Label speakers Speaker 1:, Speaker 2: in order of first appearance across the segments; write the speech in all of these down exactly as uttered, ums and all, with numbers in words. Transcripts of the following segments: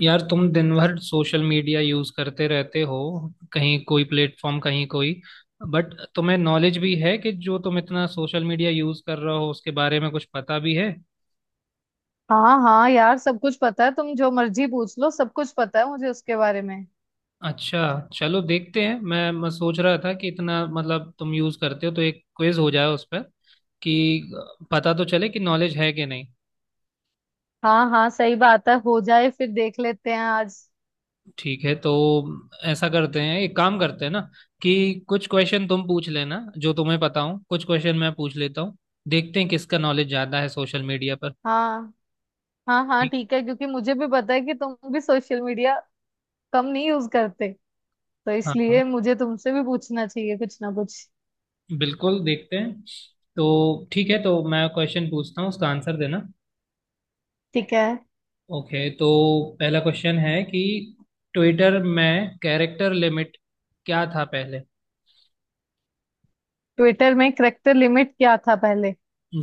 Speaker 1: यार, तुम दिन भर सोशल मीडिया यूज करते रहते हो। कहीं कोई प्लेटफॉर्म, कहीं कोई। बट तुम्हें नॉलेज भी है कि जो तुम इतना सोशल मीडिया यूज कर रहे हो, उसके बारे में कुछ पता भी है?
Speaker 2: हाँ हाँ, यार सब कुछ पता है। तुम जो मर्जी पूछ लो, सब कुछ पता है मुझे उसके बारे में।
Speaker 1: अच्छा, चलो देखते हैं। मैं, मैं सोच रहा था कि इतना मतलब तुम यूज करते हो, तो एक क्विज हो जाए उस पर, कि पता तो चले कि नॉलेज है कि नहीं।
Speaker 2: हाँ हाँ, सही बात है। हो जाए, फिर देख लेते हैं आज।
Speaker 1: ठीक है, तो ऐसा करते हैं, एक काम करते हैं ना कि कुछ क्वेश्चन तुम पूछ लेना जो तुम्हें पता हो, कुछ क्वेश्चन मैं पूछ लेता हूँ। देखते हैं किसका नॉलेज ज्यादा है सोशल मीडिया पर।
Speaker 2: हाँ हाँ हाँ,
Speaker 1: ठीक।
Speaker 2: ठीक है, क्योंकि मुझे भी पता है कि तुम भी सोशल मीडिया कम नहीं यूज करते। तो
Speaker 1: हाँ हाँ,
Speaker 2: इसलिए मुझे तुमसे भी पूछना चाहिए कुछ ना कुछ।
Speaker 1: बिल्कुल देखते हैं। तो ठीक है, तो मैं क्वेश्चन पूछता हूँ, उसका आंसर देना।
Speaker 2: ठीक है।
Speaker 1: ओके तो पहला क्वेश्चन है कि ट्विटर में कैरेक्टर लिमिट क्या था पहले?
Speaker 2: ट्विटर में करेक्टर लिमिट क्या था पहले?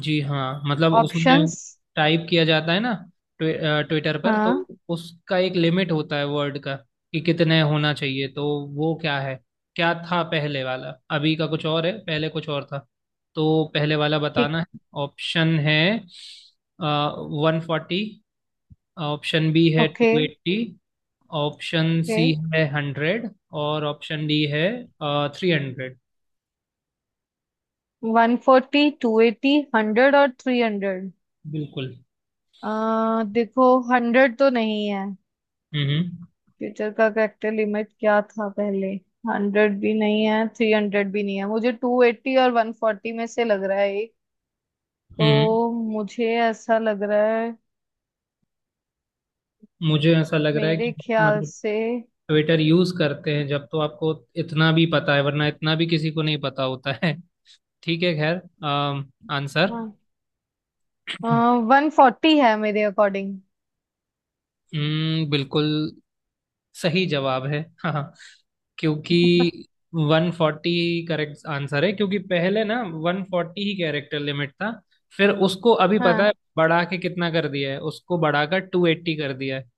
Speaker 1: जी हाँ, मतलब उसमें
Speaker 2: ऑप्शंस?
Speaker 1: टाइप किया जाता है ना। ट्वि, ट्विटर पर तो
Speaker 2: हाँ।
Speaker 1: उसका एक लिमिट होता है वर्ड का, कि कितने होना चाहिए। तो वो क्या है? क्या था पहले वाला? अभी का कुछ और है, पहले कुछ और था। तो पहले वाला
Speaker 2: ठीक।
Speaker 1: बताना है। ऑप्शन है वन फोर्टी। ऑप्शन बी है
Speaker 2: okay,
Speaker 1: two eighty. Option
Speaker 2: okay.
Speaker 1: C है हंड्रेड। और ऑप्शन डी है three hundred.
Speaker 2: One forty, two eighty, hundred और थ्री हंड्रेड।
Speaker 1: बिल्कुल।
Speaker 2: आ, देखो। हंड्रेड तो नहीं है।
Speaker 1: हम्म हम्म
Speaker 2: फ्यूचर का कैपिटल लिमिट क्या था पहले? हंड्रेड भी नहीं है, थ्री हंड्रेड भी नहीं है। मुझे टू एट्टी और वन फोर्टी में से लग रहा है एक।
Speaker 1: हम्म।
Speaker 2: तो मुझे ऐसा लग रहा है।
Speaker 1: मुझे ऐसा लग रहा है
Speaker 2: मेरे
Speaker 1: कि,
Speaker 2: ख्याल
Speaker 1: मतलब
Speaker 2: से।
Speaker 1: ट्विटर यूज करते हैं जब, तो आपको इतना भी पता है, वरना इतना भी किसी को नहीं पता होता है। ठीक है, खैर। अम, आंसर।
Speaker 2: वन फोर्टी है मेरे अकॉर्डिंग।
Speaker 1: हम्म, बिल्कुल सही जवाब है। हाँ हाँ, क्योंकि वन फोर्टी करेक्ट आंसर है, क्योंकि पहले ना वन फोर्टी ही कैरेक्टर लिमिट था। फिर उसको अभी पता है
Speaker 2: हाँ,
Speaker 1: बढ़ा के कितना कर दिया है? उसको बढ़ाकर टू एट्टी कर दिया है।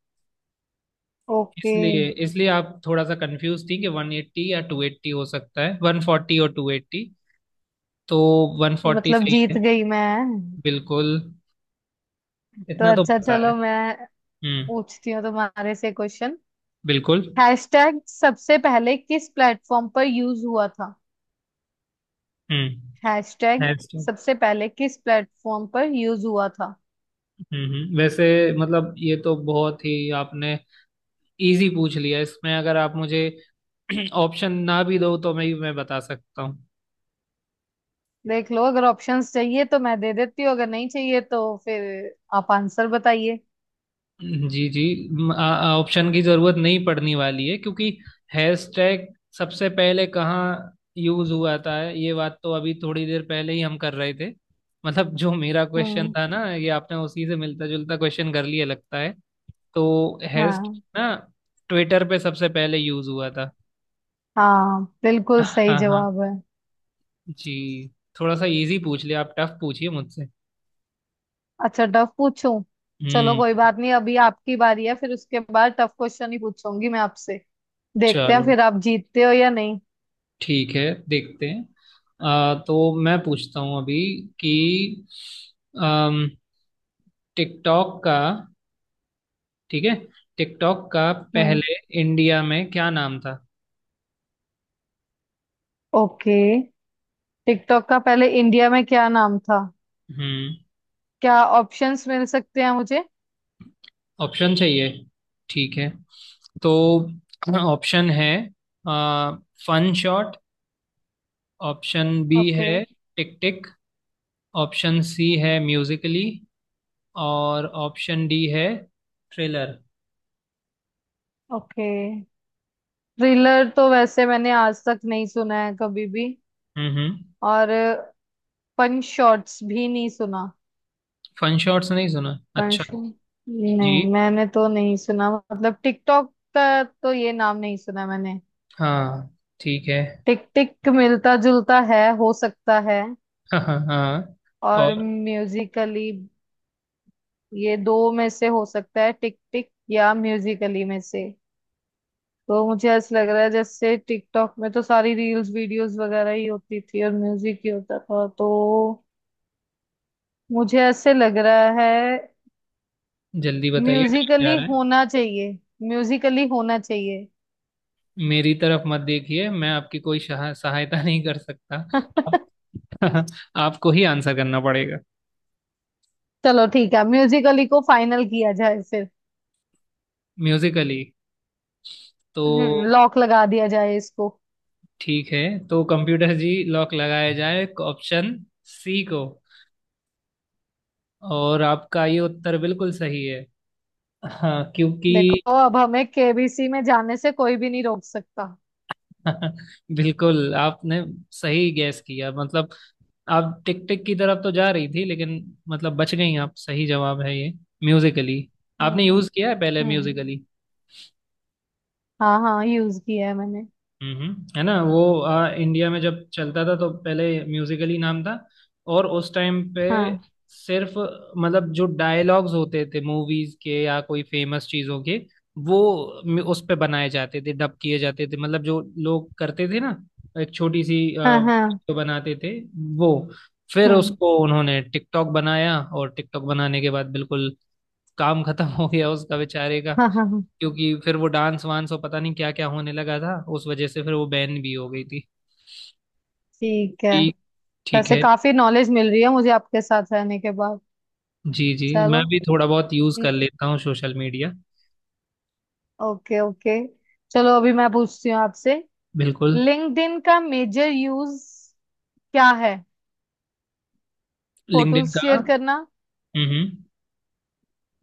Speaker 2: ओके,
Speaker 1: इसलिए इसलिए आप थोड़ा सा कंफ्यूज थी कि वन एट्टी या टू एट्टी हो सकता है, वन फोर्टी और टू एट्टी। तो वन फोर्टी
Speaker 2: मतलब
Speaker 1: सही
Speaker 2: जीत
Speaker 1: है।
Speaker 2: गई मैं।
Speaker 1: बिल्कुल,
Speaker 2: तो
Speaker 1: इतना तो
Speaker 2: अच्छा,
Speaker 1: पता है।
Speaker 2: चलो मैं
Speaker 1: हम्म,
Speaker 2: पूछती हूँ तुम्हारे से क्वेश्चन।
Speaker 1: बिल्कुल।
Speaker 2: हैशटैग सबसे पहले किस प्लेटफॉर्म पर यूज हुआ था?
Speaker 1: हम्म।
Speaker 2: Hashtag
Speaker 1: hash. हम्म।
Speaker 2: सबसे पहले किस प्लेटफॉर्म पर यूज हुआ था?
Speaker 1: हम्म, वैसे मतलब ये तो बहुत ही आपने इजी पूछ लिया। इसमें अगर आप मुझे ऑप्शन ना भी दो, तो मैं मैं बता सकता हूँ।
Speaker 2: देख लो, अगर ऑप्शंस चाहिए तो मैं दे देती हूँ, अगर नहीं चाहिए तो फिर आप आंसर बताइए।
Speaker 1: जी जी। म- आ- ऑप्शन की जरूरत नहीं पड़ने वाली है, क्योंकि हैशटैग सबसे पहले कहाँ यूज हुआ था ये बात तो अभी थोड़ी देर पहले ही हम कर रहे थे। मतलब जो मेरा क्वेश्चन
Speaker 2: हम्म।
Speaker 1: था ना, ये आपने उसी से मिलता जुलता क्वेश्चन कर लिया लगता है। तो हैश
Speaker 2: हाँ
Speaker 1: ना ट्विटर पे सबसे पहले यूज हुआ था।
Speaker 2: हाँ, बिल्कुल सही
Speaker 1: हाँ हाँ
Speaker 2: जवाब है।
Speaker 1: जी, थोड़ा सा इजी पूछ लिया आप, टफ पूछिए मुझसे।
Speaker 2: अच्छा, टफ पूछूं? चलो
Speaker 1: हम्म।
Speaker 2: कोई बात नहीं, अभी आपकी बारी है, फिर उसके बाद टफ क्वेश्चन ही पूछूंगी मैं आपसे। देखते हैं
Speaker 1: चलो,
Speaker 2: फिर आप जीतते हो या नहीं।
Speaker 1: ठीक है, देखते हैं। आ, तो मैं पूछता हूँ अभी कि टिकटॉक का, ठीक है, टिकटॉक का
Speaker 2: हम्म,
Speaker 1: पहले इंडिया में क्या नाम था?
Speaker 2: ओके, टिकटॉक का पहले इंडिया में क्या नाम था?
Speaker 1: हम्म।
Speaker 2: क्या ऑप्शंस मिल सकते हैं मुझे?
Speaker 1: ऑप्शन चाहिए? ठीक है, तो ऑप्शन है आ, fun shot. Option B
Speaker 2: okay,
Speaker 1: है टिक टिक। ऑप्शन सी है म्यूजिकली। और ऑप्शन डी है थ्रिलर।
Speaker 2: ओके। थ्रिलर तो वैसे मैंने आज तक नहीं सुना है कभी भी।
Speaker 1: हम्म हम्म,
Speaker 2: और पंच शॉट्स भी नहीं सुना।
Speaker 1: फन शॉट्स नहीं सुना, अच्छा।
Speaker 2: पंच
Speaker 1: जी
Speaker 2: नहीं मैंने तो नहीं सुना, मतलब टिकटॉक का तो ये नाम नहीं सुना मैंने।
Speaker 1: हाँ, ठीक है।
Speaker 2: टिक टिक मिलता जुलता है, हो सकता है।
Speaker 1: हाँ हाँ हाँ।
Speaker 2: और
Speaker 1: और
Speaker 2: म्यूजिकली। ये दो में से हो सकता है, टिक टिक या म्यूजिकली में से। तो मुझे ऐसा लग रहा है, जैसे टिकटॉक में तो सारी रील्स वीडियोस वगैरह ही होती थी और म्यूजिक ही होता था, तो। मुझे ऐसे लग रहा है।
Speaker 1: जल्दी बताइए, टाइम जा
Speaker 2: म्यूजिकली
Speaker 1: रहा है।
Speaker 2: होना चाहिए। म्यूजिकली होना चाहिए।
Speaker 1: मेरी तरफ मत देखिए, मैं आपकी कोई शहा- सहायता नहीं कर सकता। आप, आपको ही आंसर करना पड़ेगा।
Speaker 2: चलो ठीक है, म्यूजिकली को फाइनल किया जाए फिर।
Speaker 1: म्यूजिकली। तो
Speaker 2: हम्म लॉक लगा दिया जाए इसको।
Speaker 1: ठीक है, तो कंप्यूटर जी, लॉक लगाया जाए ऑप्शन सी को। और आपका ये उत्तर बिल्कुल सही है। हाँ क्योंकि,
Speaker 2: देखो, अब हमें केबीसी में जाने से कोई भी नहीं रोक सकता।
Speaker 1: बिल्कुल आपने सही गैस किया, मतलब आप टिक टिक की तरफ तो जा रही थी, लेकिन मतलब बच गई आप। सही जवाब है ये म्यूजिकली। आपने
Speaker 2: हम्म,
Speaker 1: यूज किया है पहले
Speaker 2: हम्म।
Speaker 1: म्यूजिकली।
Speaker 2: हाँ हाँ, यूज किया है मैंने।
Speaker 1: हम्म, है ना वो आ, इंडिया में जब चलता था, तो पहले म्यूजिकली नाम था। और उस टाइम पे
Speaker 2: हाँ
Speaker 1: सिर्फ मतलब जो डायलॉग्स होते थे मूवीज के या कोई फेमस चीजों के, वो म- उस पे बनाए जाते थे, डब किए जाते थे। मतलब जो लोग करते थे ना, एक छोटी सी
Speaker 2: हाँ हाँ।
Speaker 1: वीडियो बनाते थे वो। फिर
Speaker 2: हम्म।
Speaker 1: उसको उन्होंने टिकटॉक बनाया, और टिकटॉक बनाने के बाद बिल्कुल काम खत्म हो गया उसका, बेचारे।
Speaker 2: हाँ हाँ हाँ।
Speaker 1: क्योंकि फिर वो डांस वांस और पता नहीं क्या क्या होने लगा था, उस वजह से फिर वो बैन भी हो गई थी।
Speaker 2: ठीक है।
Speaker 1: ठीक। ठीक
Speaker 2: वैसे
Speaker 1: है।
Speaker 2: काफी नॉलेज मिल रही है मुझे आपके साथ रहने के बाद।
Speaker 1: जी जी, मैं
Speaker 2: चलो।
Speaker 1: भी थोड़ा बहुत यूज कर लेता हूँ सोशल मीडिया।
Speaker 2: Okay, okay. चलो, अभी मैं पूछती हूँ आपसे।
Speaker 1: बिल्कुल।
Speaker 2: लिंक्डइन का मेजर यूज क्या है? फोटोज
Speaker 1: लिंक्डइन का,
Speaker 2: शेयर करना।
Speaker 1: हम्म हम्म।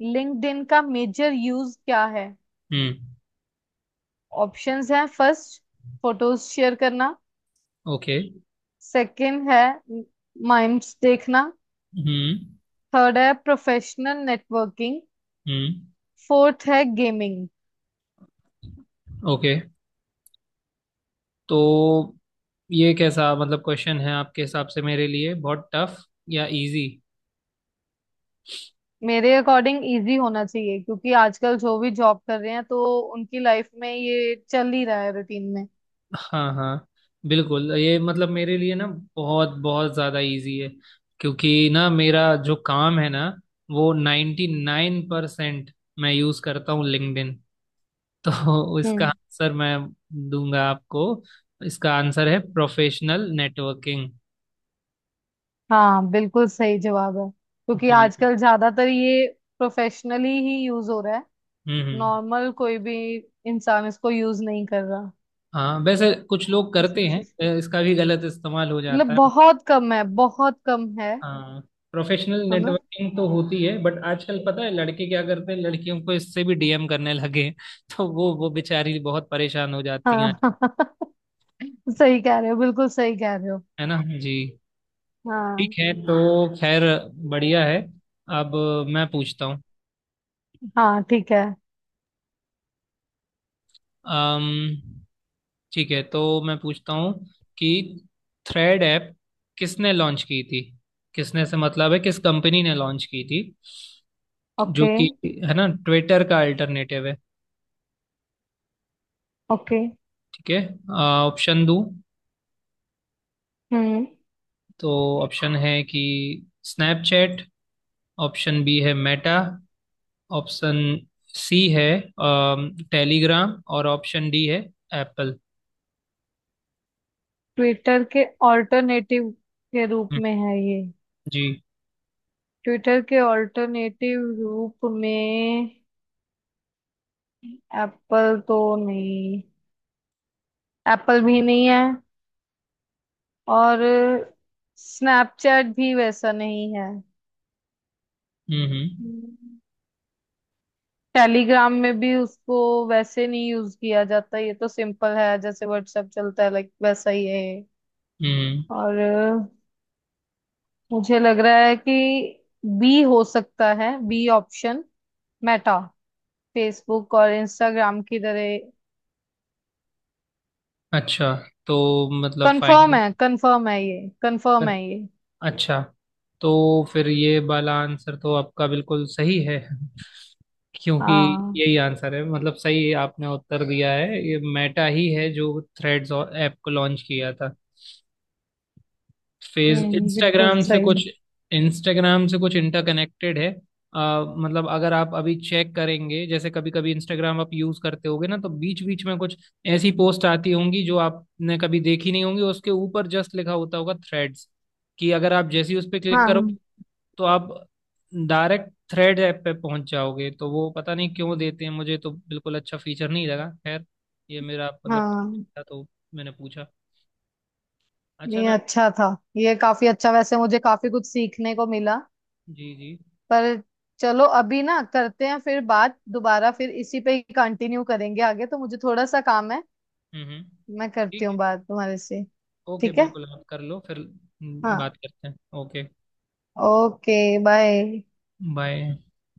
Speaker 2: लिंक्डइन का मेजर यूज क्या है?
Speaker 1: हम्म,
Speaker 2: ऑप्शंस हैं। फर्स्ट, फोटोज शेयर करना।
Speaker 1: ओके।
Speaker 2: सेकंड है माइम्स देखना।
Speaker 1: हम्म
Speaker 2: थर्ड है प्रोफेशनल नेटवर्किंग।
Speaker 1: हम्म।
Speaker 2: फोर्थ है गेमिंग।
Speaker 1: ओके, तो ये कैसा मतलब क्वेश्चन है आपके हिसाब से मेरे लिए, बहुत टफ या इजी?
Speaker 2: मेरे अकॉर्डिंग इजी होना चाहिए, क्योंकि आजकल जो भी जॉब कर रहे हैं, तो उनकी लाइफ में ये चल ही रहा है रूटीन में।
Speaker 1: हाँ हाँ, बिल्कुल ये मतलब मेरे लिए ना, बहुत बहुत ज़्यादा इजी है। क्योंकि ना मेरा जो काम है ना, वो नाइन्टी नाइन परसेंट मैं यूज़ करता हूँ लिंक्डइन। तो इसका
Speaker 2: हम्म।
Speaker 1: आंसर मैं दूंगा आपको। इसका आंसर है प्रोफेशनल नेटवर्किंग।
Speaker 2: हाँ, बिल्कुल सही जवाब है, क्योंकि
Speaker 1: जी।
Speaker 2: आजकल ज्यादातर ये प्रोफेशनली ही यूज हो रहा है।
Speaker 1: हम्म हम्म।
Speaker 2: नॉर्मल कोई भी इंसान इसको यूज नहीं कर रहा।
Speaker 1: हाँ, वैसे कुछ लोग
Speaker 2: इस
Speaker 1: करते
Speaker 2: वजह
Speaker 1: हैं,
Speaker 2: से,
Speaker 1: अ, इसका भी गलत इस्तेमाल हो जाता
Speaker 2: मतलब
Speaker 1: है।
Speaker 2: बहुत कम है, बहुत कम है।
Speaker 1: हाँ, प्रोफेशनल
Speaker 2: है ना।
Speaker 1: नेटवर्किंग तो होती है, बट आजकल पता है लड़के क्या करते हैं? लड़कियों को इससे भी डीएम करने लगे हैं। तो वो वो बेचारी बहुत परेशान हो जाती हैं।
Speaker 2: हाँ, सही कह रहे हो, बिल्कुल सही कह रहे हो।
Speaker 1: है ना जी। ठीक
Speaker 2: हाँ।
Speaker 1: है तो, खैर, बढ़िया है। अब मैं पूछता हूँ।
Speaker 2: हाँ ठीक है।
Speaker 1: अम्म ठीक है, तो मैं पूछता हूँ कि थ्रेड ऐप किसने लॉन्च की थी? किसने से मतलब है किस कंपनी ने लॉन्च की थी, जो
Speaker 2: ओके,
Speaker 1: कि है ना ट्विटर का अल्टरनेटिव है।
Speaker 2: ओके।
Speaker 1: ठीक है, ऑप्शन दूं
Speaker 2: हम्म।
Speaker 1: तो, ऑप्शन है कि स्नैपचैट। ऑप्शन बी है मेटा। ऑप्शन सी है टेलीग्राम। और ऑप्शन डी है एप्पल।
Speaker 2: ट्विटर के ऑल्टरनेटिव के रूप में है ये?
Speaker 1: जी।
Speaker 2: ट्विटर के ऑल्टरनेटिव रूप में। एप्पल तो नहीं। एप्पल भी नहीं है। और स्नैपचैट भी वैसा नहीं है।
Speaker 1: हम्म। जी। हम्म।
Speaker 2: हम्म, टेलीग्राम में भी उसको वैसे नहीं यूज किया जाता। ये तो सिंपल है, जैसे व्हाट्सएप चलता है, लाइक वैसा ही है ये।
Speaker 1: हम्म,
Speaker 2: और अ, मुझे लग रहा है कि बी हो सकता है, बी ऑप्शन मेटा। फेसबुक और इंस्टाग्राम की तरह।
Speaker 1: अच्छा, तो मतलब
Speaker 2: कंफर्म
Speaker 1: फाइनल?
Speaker 2: है, कंफर्म है ये, कंफर्म है ये।
Speaker 1: अच्छा, तो फिर ये वाला आंसर तो आपका बिल्कुल सही है, क्योंकि
Speaker 2: हाँ।
Speaker 1: यही आंसर है, मतलब सही आपने उत्तर दिया है। ये मेटा ही है जो थ्रेड्स ऐप को लॉन्च किया था। फेस
Speaker 2: हम्म, बिल्कुल
Speaker 1: इंस्टाग्राम से
Speaker 2: सही।
Speaker 1: कुछ इंस्टाग्राम से कुछ इंटरकनेक्टेड है। आ, मतलब अगर आप अभी चेक करेंगे जैसे, कभी कभी इंस्टाग्राम आप यूज करते होगे ना, तो बीच बीच में कुछ ऐसी पोस्ट आती होंगी जो आपने कभी देखी नहीं होंगी, उसके ऊपर जस्ट लिखा होता होगा थ्रेड्स, कि अगर आप जैसे ही उस पर क्लिक करो,
Speaker 2: हाँ
Speaker 1: तो आप डायरेक्ट थ्रेड ऐप पे पहुंच जाओगे। तो वो पता नहीं क्यों देते हैं, मुझे तो बिल्कुल अच्छा फीचर नहीं लगा, खैर। ये मेरा मतलब
Speaker 2: हाँ।
Speaker 1: था, तो मैंने पूछा। अच्छा
Speaker 2: नहीं,
Speaker 1: ना?
Speaker 2: अच्छा था। ये काफी अच्छा, वैसे मुझे काफी कुछ सीखने को मिला।
Speaker 1: जी जी।
Speaker 2: पर, चलो अभी ना करते हैं फिर बात दोबारा, फिर इसी पे ही कंटिन्यू करेंगे आगे, तो मुझे थोड़ा सा काम है।
Speaker 1: हम्म हम्म।
Speaker 2: मैं करती
Speaker 1: ठीक
Speaker 2: हूँ
Speaker 1: है,
Speaker 2: बात तुम्हारे से।
Speaker 1: ओके,
Speaker 2: ठीक है।
Speaker 1: बिल्कुल आप कर लो, फिर हम्म,
Speaker 2: हाँ।
Speaker 1: बात करते हैं। ओके।
Speaker 2: ओके। बाय।
Speaker 1: बाय।